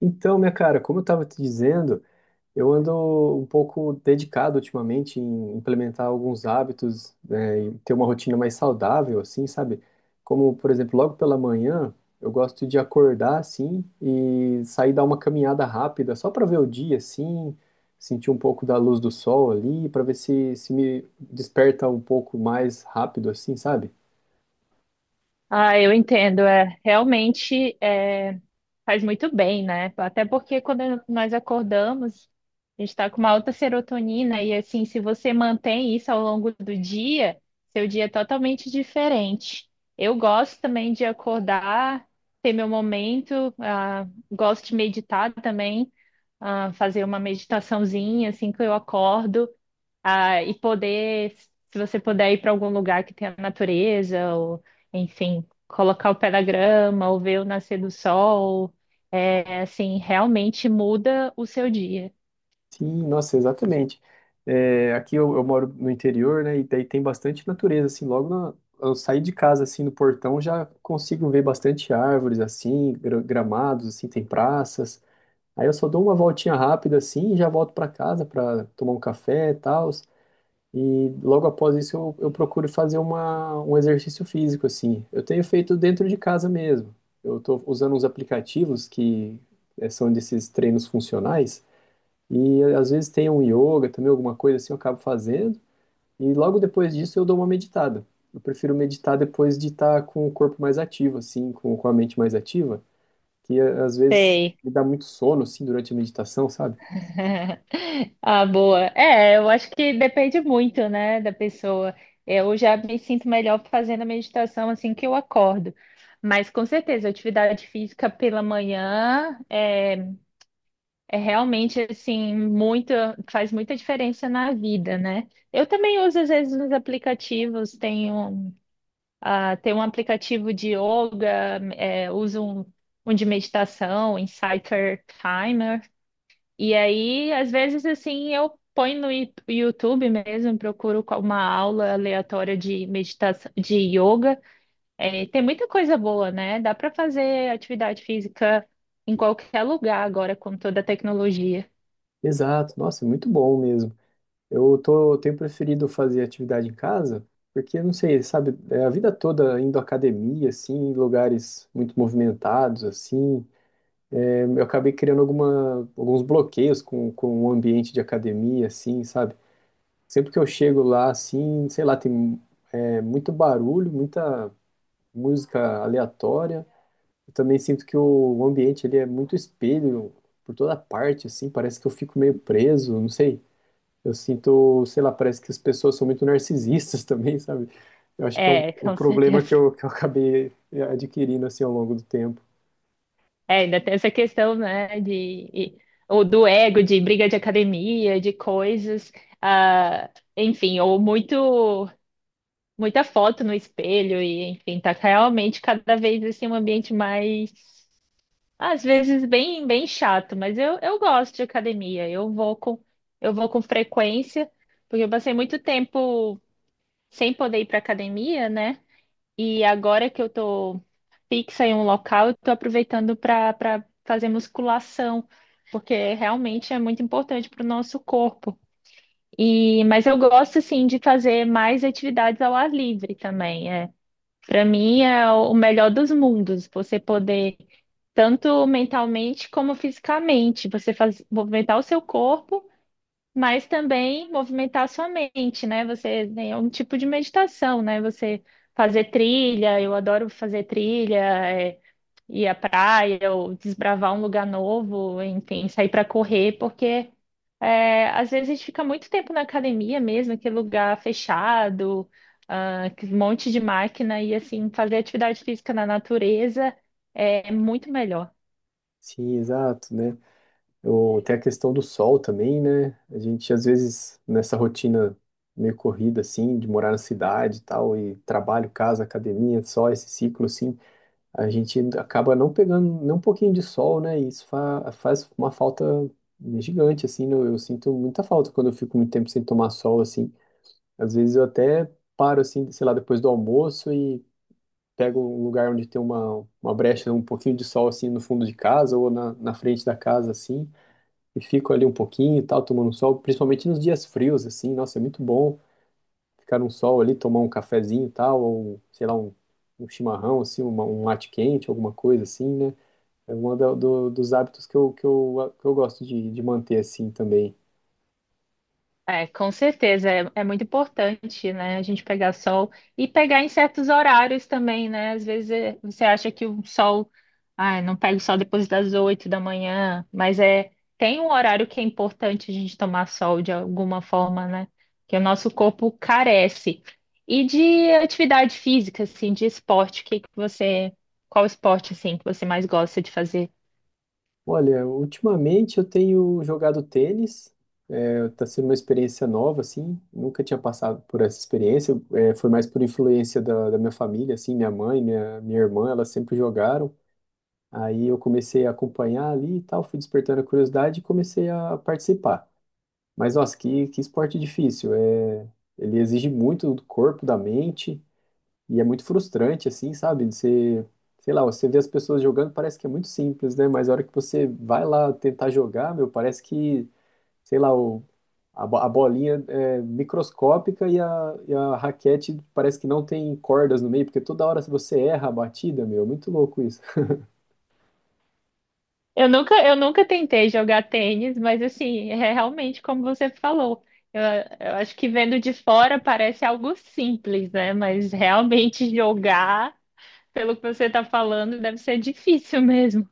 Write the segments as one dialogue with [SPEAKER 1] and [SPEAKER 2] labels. [SPEAKER 1] Então, minha cara, como eu estava te dizendo, eu ando um pouco dedicado ultimamente em implementar alguns hábitos, né, e ter uma rotina mais saudável, assim, sabe? Como, por exemplo, logo pela manhã, eu gosto de acordar, assim, e sair dar uma caminhada rápida, só para ver o dia, assim, sentir um pouco da luz do sol ali, para ver se me desperta um pouco mais rápido, assim, sabe?
[SPEAKER 2] Ah, eu entendo. É, realmente é, faz muito bem, né? Até porque quando nós acordamos, a gente está com uma alta serotonina e assim, se você mantém isso ao longo do dia, seu dia é totalmente diferente. Eu gosto também de acordar, ter meu momento, gosto de meditar também, fazer uma meditaçãozinha assim que eu acordo. Ah, e poder, se você puder ir para algum lugar que tenha natureza, ou enfim, colocar o pé na grama, ou ver o nascer do sol, é assim, realmente muda o seu dia.
[SPEAKER 1] Sim, nossa, exatamente. É, aqui eu moro no interior, né? E daí tem bastante natureza, assim. Eu saí de casa, assim, no portão, já consigo ver bastante árvores, assim, gramados, assim, tem praças. Aí eu só dou uma voltinha rápida, assim, e já volto para casa para tomar um café e tal. E logo após isso eu procuro fazer um exercício físico, assim. Eu tenho feito dentro de casa mesmo. Eu estou usando uns aplicativos que são desses treinos funcionais. E às vezes tem um yoga também, alguma coisa assim, eu acabo fazendo. E logo depois disso eu dou uma meditada. Eu prefiro meditar depois de estar com o corpo mais ativo, assim, com a mente mais ativa, às vezes
[SPEAKER 2] Sei.
[SPEAKER 1] me dá muito sono, assim, durante a meditação, sabe?
[SPEAKER 2] Ah, boa. É, eu acho que depende muito, né, da pessoa. Eu já me sinto melhor fazendo a meditação assim que eu acordo. Mas com certeza, atividade física pela manhã é realmente assim, muita, faz muita diferença na vida, né? Eu também uso às vezes nos aplicativos, tenho, tenho um aplicativo de yoga, é, uso um, um de meditação, um Insighter Timer, e aí às vezes assim eu ponho no YouTube mesmo, uma aula aleatória de meditação, de yoga. É, tem muita coisa boa, né? Dá para fazer atividade física em qualquer lugar agora com toda a tecnologia.
[SPEAKER 1] Exato, nossa, é muito bom mesmo. Eu tenho preferido fazer atividade em casa, porque, não sei, sabe, é, a vida toda indo à academia, assim, em lugares muito movimentados, assim, eu acabei criando alguns bloqueios com o ambiente de academia, assim, sabe? Sempre que eu chego lá, assim, sei lá, tem muito barulho, muita música aleatória. Eu também sinto que o ambiente ele é muito espelho por toda parte, assim, parece que eu fico meio preso, não sei. Eu sinto, sei lá, parece que as pessoas são muito narcisistas também, sabe? Eu acho que é um,
[SPEAKER 2] É,
[SPEAKER 1] um
[SPEAKER 2] com
[SPEAKER 1] problema
[SPEAKER 2] certeza.
[SPEAKER 1] que eu acabei adquirindo, assim, ao longo do tempo.
[SPEAKER 2] É, ainda tem essa questão, né, e- ou do ego, de briga de academia, de coisas, ah, enfim, ou muito, muita foto no espelho, e enfim, tá realmente cada vez assim um ambiente mais, às vezes bem, bem chato, mas eu gosto de academia, eu vou com frequência, porque eu passei muito tempo sem poder ir para academia, né, e agora que eu tô fixa em um local, eu estou aproveitando para fazer musculação, porque realmente é muito importante para o nosso corpo. E, mas eu gosto assim de fazer mais atividades ao ar livre também. É. Para mim é o melhor dos mundos, você poder tanto mentalmente como fisicamente, você faz, movimentar o seu corpo, mas também movimentar a sua mente, né? Você tem um tipo de meditação, né? Você fazer trilha, eu adoro fazer trilha, é, ir à praia ou desbravar um lugar novo, enfim, sair para correr, porque é, às vezes a gente fica muito tempo na academia mesmo, aquele lugar fechado, um monte de máquina, e assim, fazer atividade física na natureza é muito melhor.
[SPEAKER 1] Sim, exato, né? Eu, tem a questão do sol também, né? A gente, às vezes, nessa rotina meio corrida, assim, de morar na cidade e tal, e trabalho, casa, academia, só esse ciclo, assim, a gente acaba não pegando nem um pouquinho de sol, né? E isso fa faz uma falta gigante, assim, né? Eu sinto muita falta quando eu fico muito tempo sem tomar sol, assim. Às vezes eu até paro, assim, sei lá, depois do almoço e pego um lugar onde tem uma brecha, um pouquinho de sol, assim, no fundo de casa ou na frente da casa, assim e fico ali um pouquinho e tal, tomando sol, principalmente nos dias frios, assim, nossa, é muito bom ficar no sol ali, tomar um cafezinho e tal, ou um, sei lá, um chimarrão, assim, um mate quente, alguma coisa assim, né? É um dos hábitos que eu gosto de manter assim também.
[SPEAKER 2] É, com certeza, é, é muito importante, né, a gente pegar sol e pegar em certos horários também, né? Você acha que o sol, ai, não pega o sol depois das 8 da manhã, mas é tem um horário que é importante a gente tomar sol de alguma forma, né? Que o nosso corpo carece. E de atividade física, assim, de esporte, o que que você, qual esporte assim que você mais gosta de fazer?
[SPEAKER 1] Olha, ultimamente eu tenho jogado tênis, é, tá sendo uma experiência nova, assim, nunca tinha passado por essa experiência, é, foi mais por influência da minha família, assim, minha mãe, minha irmã, elas sempre jogaram. Aí eu comecei a acompanhar ali e tal, fui despertando a curiosidade e comecei a participar. Mas nossa, que esporte difícil. É, ele exige muito do corpo, da mente e é muito frustrante, assim, sabe? Você, sei lá, você vê as pessoas jogando, parece que é muito simples, né? Mas a hora que você vai lá tentar jogar, meu, parece que, sei lá, a bolinha é microscópica e a, raquete parece que não tem cordas no meio, porque toda hora você erra a batida, meu, é muito louco isso.
[SPEAKER 2] Eu nunca tentei jogar tênis, mas assim, é realmente como você falou. Eu, eu acho que vendo de fora parece algo simples, né? Mas realmente jogar, pelo que você está falando, deve ser difícil mesmo.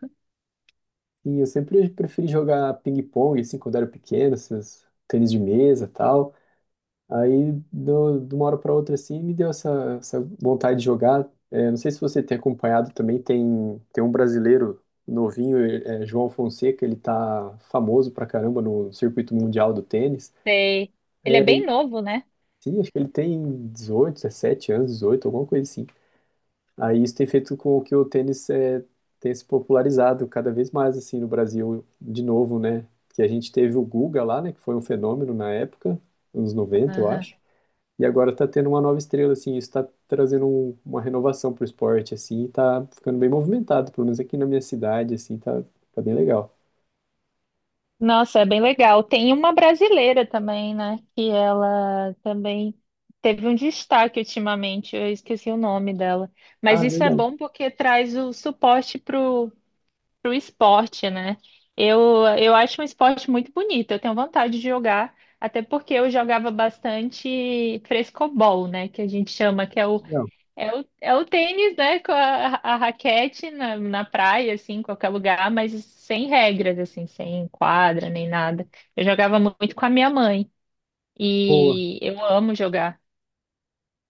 [SPEAKER 1] E eu sempre preferi jogar ping-pong, assim, quando era pequeno, esses tênis de mesa e tal. Aí, de uma hora para outra, assim, me deu essa, essa vontade de jogar. É, não sei se você tem acompanhado também, tem, tem um brasileiro novinho, é João Fonseca, ele tá famoso pra caramba no circuito mundial do tênis.
[SPEAKER 2] Sei. Ele é bem novo, né?
[SPEAKER 1] Sim, acho que ele tem 18, 17 anos, 18, alguma coisa assim. Aí isso tem feito com que o tênis é, tenha se popularizado cada vez mais assim no Brasil, de novo, né? Que a gente teve o Guga lá, né? Que foi um fenômeno na época, anos 90 eu
[SPEAKER 2] Aham.
[SPEAKER 1] acho. E agora tá tendo uma nova estrela, assim, isso tá trazendo uma renovação pro esporte, assim, e tá ficando bem movimentado, pelo menos aqui na minha cidade, assim, tá, tá bem legal.
[SPEAKER 2] Nossa, é bem legal. Tem uma brasileira também, né? Que ela também teve um destaque ultimamente. Eu esqueci o nome dela. Mas
[SPEAKER 1] Ah,
[SPEAKER 2] isso é
[SPEAKER 1] verdade,
[SPEAKER 2] bom porque traz o suporte pro esporte, né? Eu acho um esporte muito bonito, eu tenho vontade de jogar, até porque eu jogava bastante frescobol, né? Que a gente chama,
[SPEAKER 1] que legal.
[SPEAKER 2] é o tênis, né? Com a raquete na, na praia, assim, em qualquer lugar, mas sem regras, assim, sem quadra nem nada. Eu jogava muito com a minha mãe
[SPEAKER 1] Boa.
[SPEAKER 2] e eu amo jogar.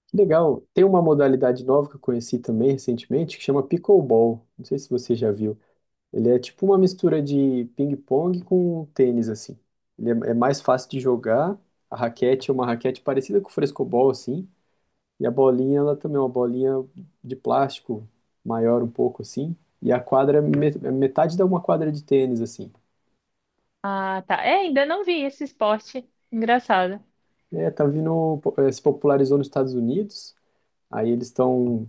[SPEAKER 1] Que legal. Tem uma modalidade nova que eu conheci também recentemente, que chama pickleball. Não sei se você já viu. Ele é tipo uma mistura de ping-pong com tênis, assim. Ele é mais fácil de jogar. A raquete é uma raquete parecida com o frescobol, assim. E a bolinha, ela também é uma bolinha de plástico, maior um pouco, assim. E a quadra é metade da uma quadra de tênis, assim.
[SPEAKER 2] Ah, tá. É, ainda não vi esse esporte. Engraçado.
[SPEAKER 1] É, tá vindo, se popularizou nos Estados Unidos. Aí eles estão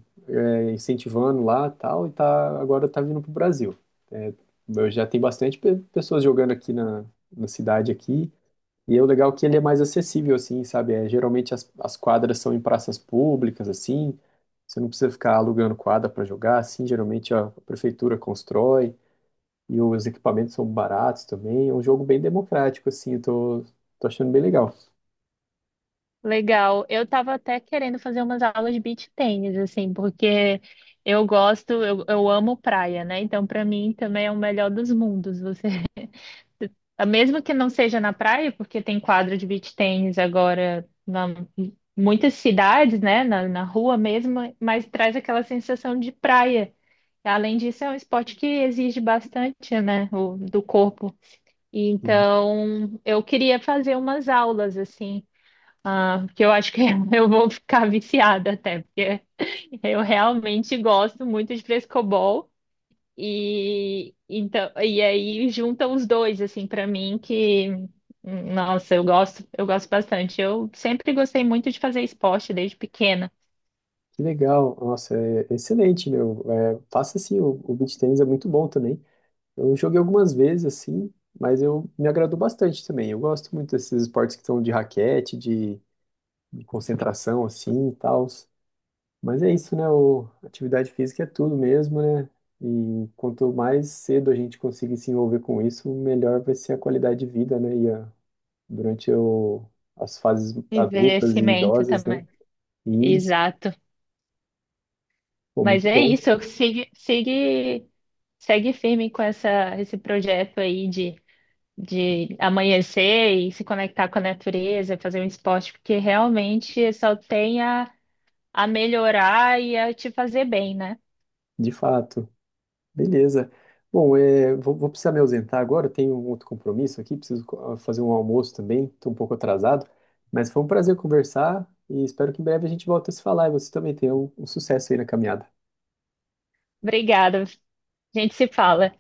[SPEAKER 1] incentivando lá, tal. E tá, agora tá vindo pro Brasil. É, eu já tem bastante pessoas jogando aqui na cidade aqui. E é o legal é que ele é mais acessível, assim, sabe? É, geralmente as quadras são em praças públicas, assim. Você não precisa ficar alugando quadra para jogar, assim. Geralmente a prefeitura constrói e os equipamentos são baratos também. É um jogo bem democrático, assim. Eu tô achando bem legal.
[SPEAKER 2] Legal. Eu tava até querendo fazer umas aulas de beach tênis, assim, porque eu gosto, eu amo praia, né? Então, para mim, também é o melhor dos mundos. Você, mesmo que não seja na praia, porque tem quadro de beach tênis agora na muitas cidades, né? Na, na rua mesmo, mas traz aquela sensação de praia. Além disso, é um esporte que exige bastante, né? O, do corpo.
[SPEAKER 1] Uhum.
[SPEAKER 2] Então, eu queria fazer umas aulas, assim. Ah, porque eu acho que eu vou ficar viciada até, porque eu realmente gosto muito de frescobol e então e aí juntam os dois assim para mim que nossa, eu gosto bastante. Eu sempre gostei muito de fazer esporte desde pequena.
[SPEAKER 1] Que legal. Nossa, é excelente, meu. É, faça assim, o beach tennis é muito bom também. Eu joguei algumas vezes, assim, mas eu me agradou bastante também. Eu gosto muito desses esportes que são de raquete, de concentração assim e tal. Mas é isso, né? O, atividade física é tudo mesmo, né? E quanto mais cedo a gente conseguir se envolver com isso, melhor vai ser a qualidade de vida, né? E a, durante o, as fases adultas e
[SPEAKER 2] Envelhecimento
[SPEAKER 1] idosas, né?
[SPEAKER 2] também.
[SPEAKER 1] E isso,
[SPEAKER 2] Exato.
[SPEAKER 1] pô,
[SPEAKER 2] Mas
[SPEAKER 1] muito
[SPEAKER 2] é
[SPEAKER 1] bom,
[SPEAKER 2] isso, sigue, segue firme com essa esse projeto aí de amanhecer e se conectar com a natureza, fazer um esporte, porque realmente só tem a melhorar e a te fazer bem, né?
[SPEAKER 1] de fato. Beleza. Bom, é, vou precisar me ausentar agora, eu tenho um outro compromisso aqui, preciso fazer um almoço também, estou um pouco atrasado, mas foi um prazer conversar e espero que em breve a gente volte a se falar e você também tenha um sucesso aí na caminhada.
[SPEAKER 2] Obrigada. A gente se fala.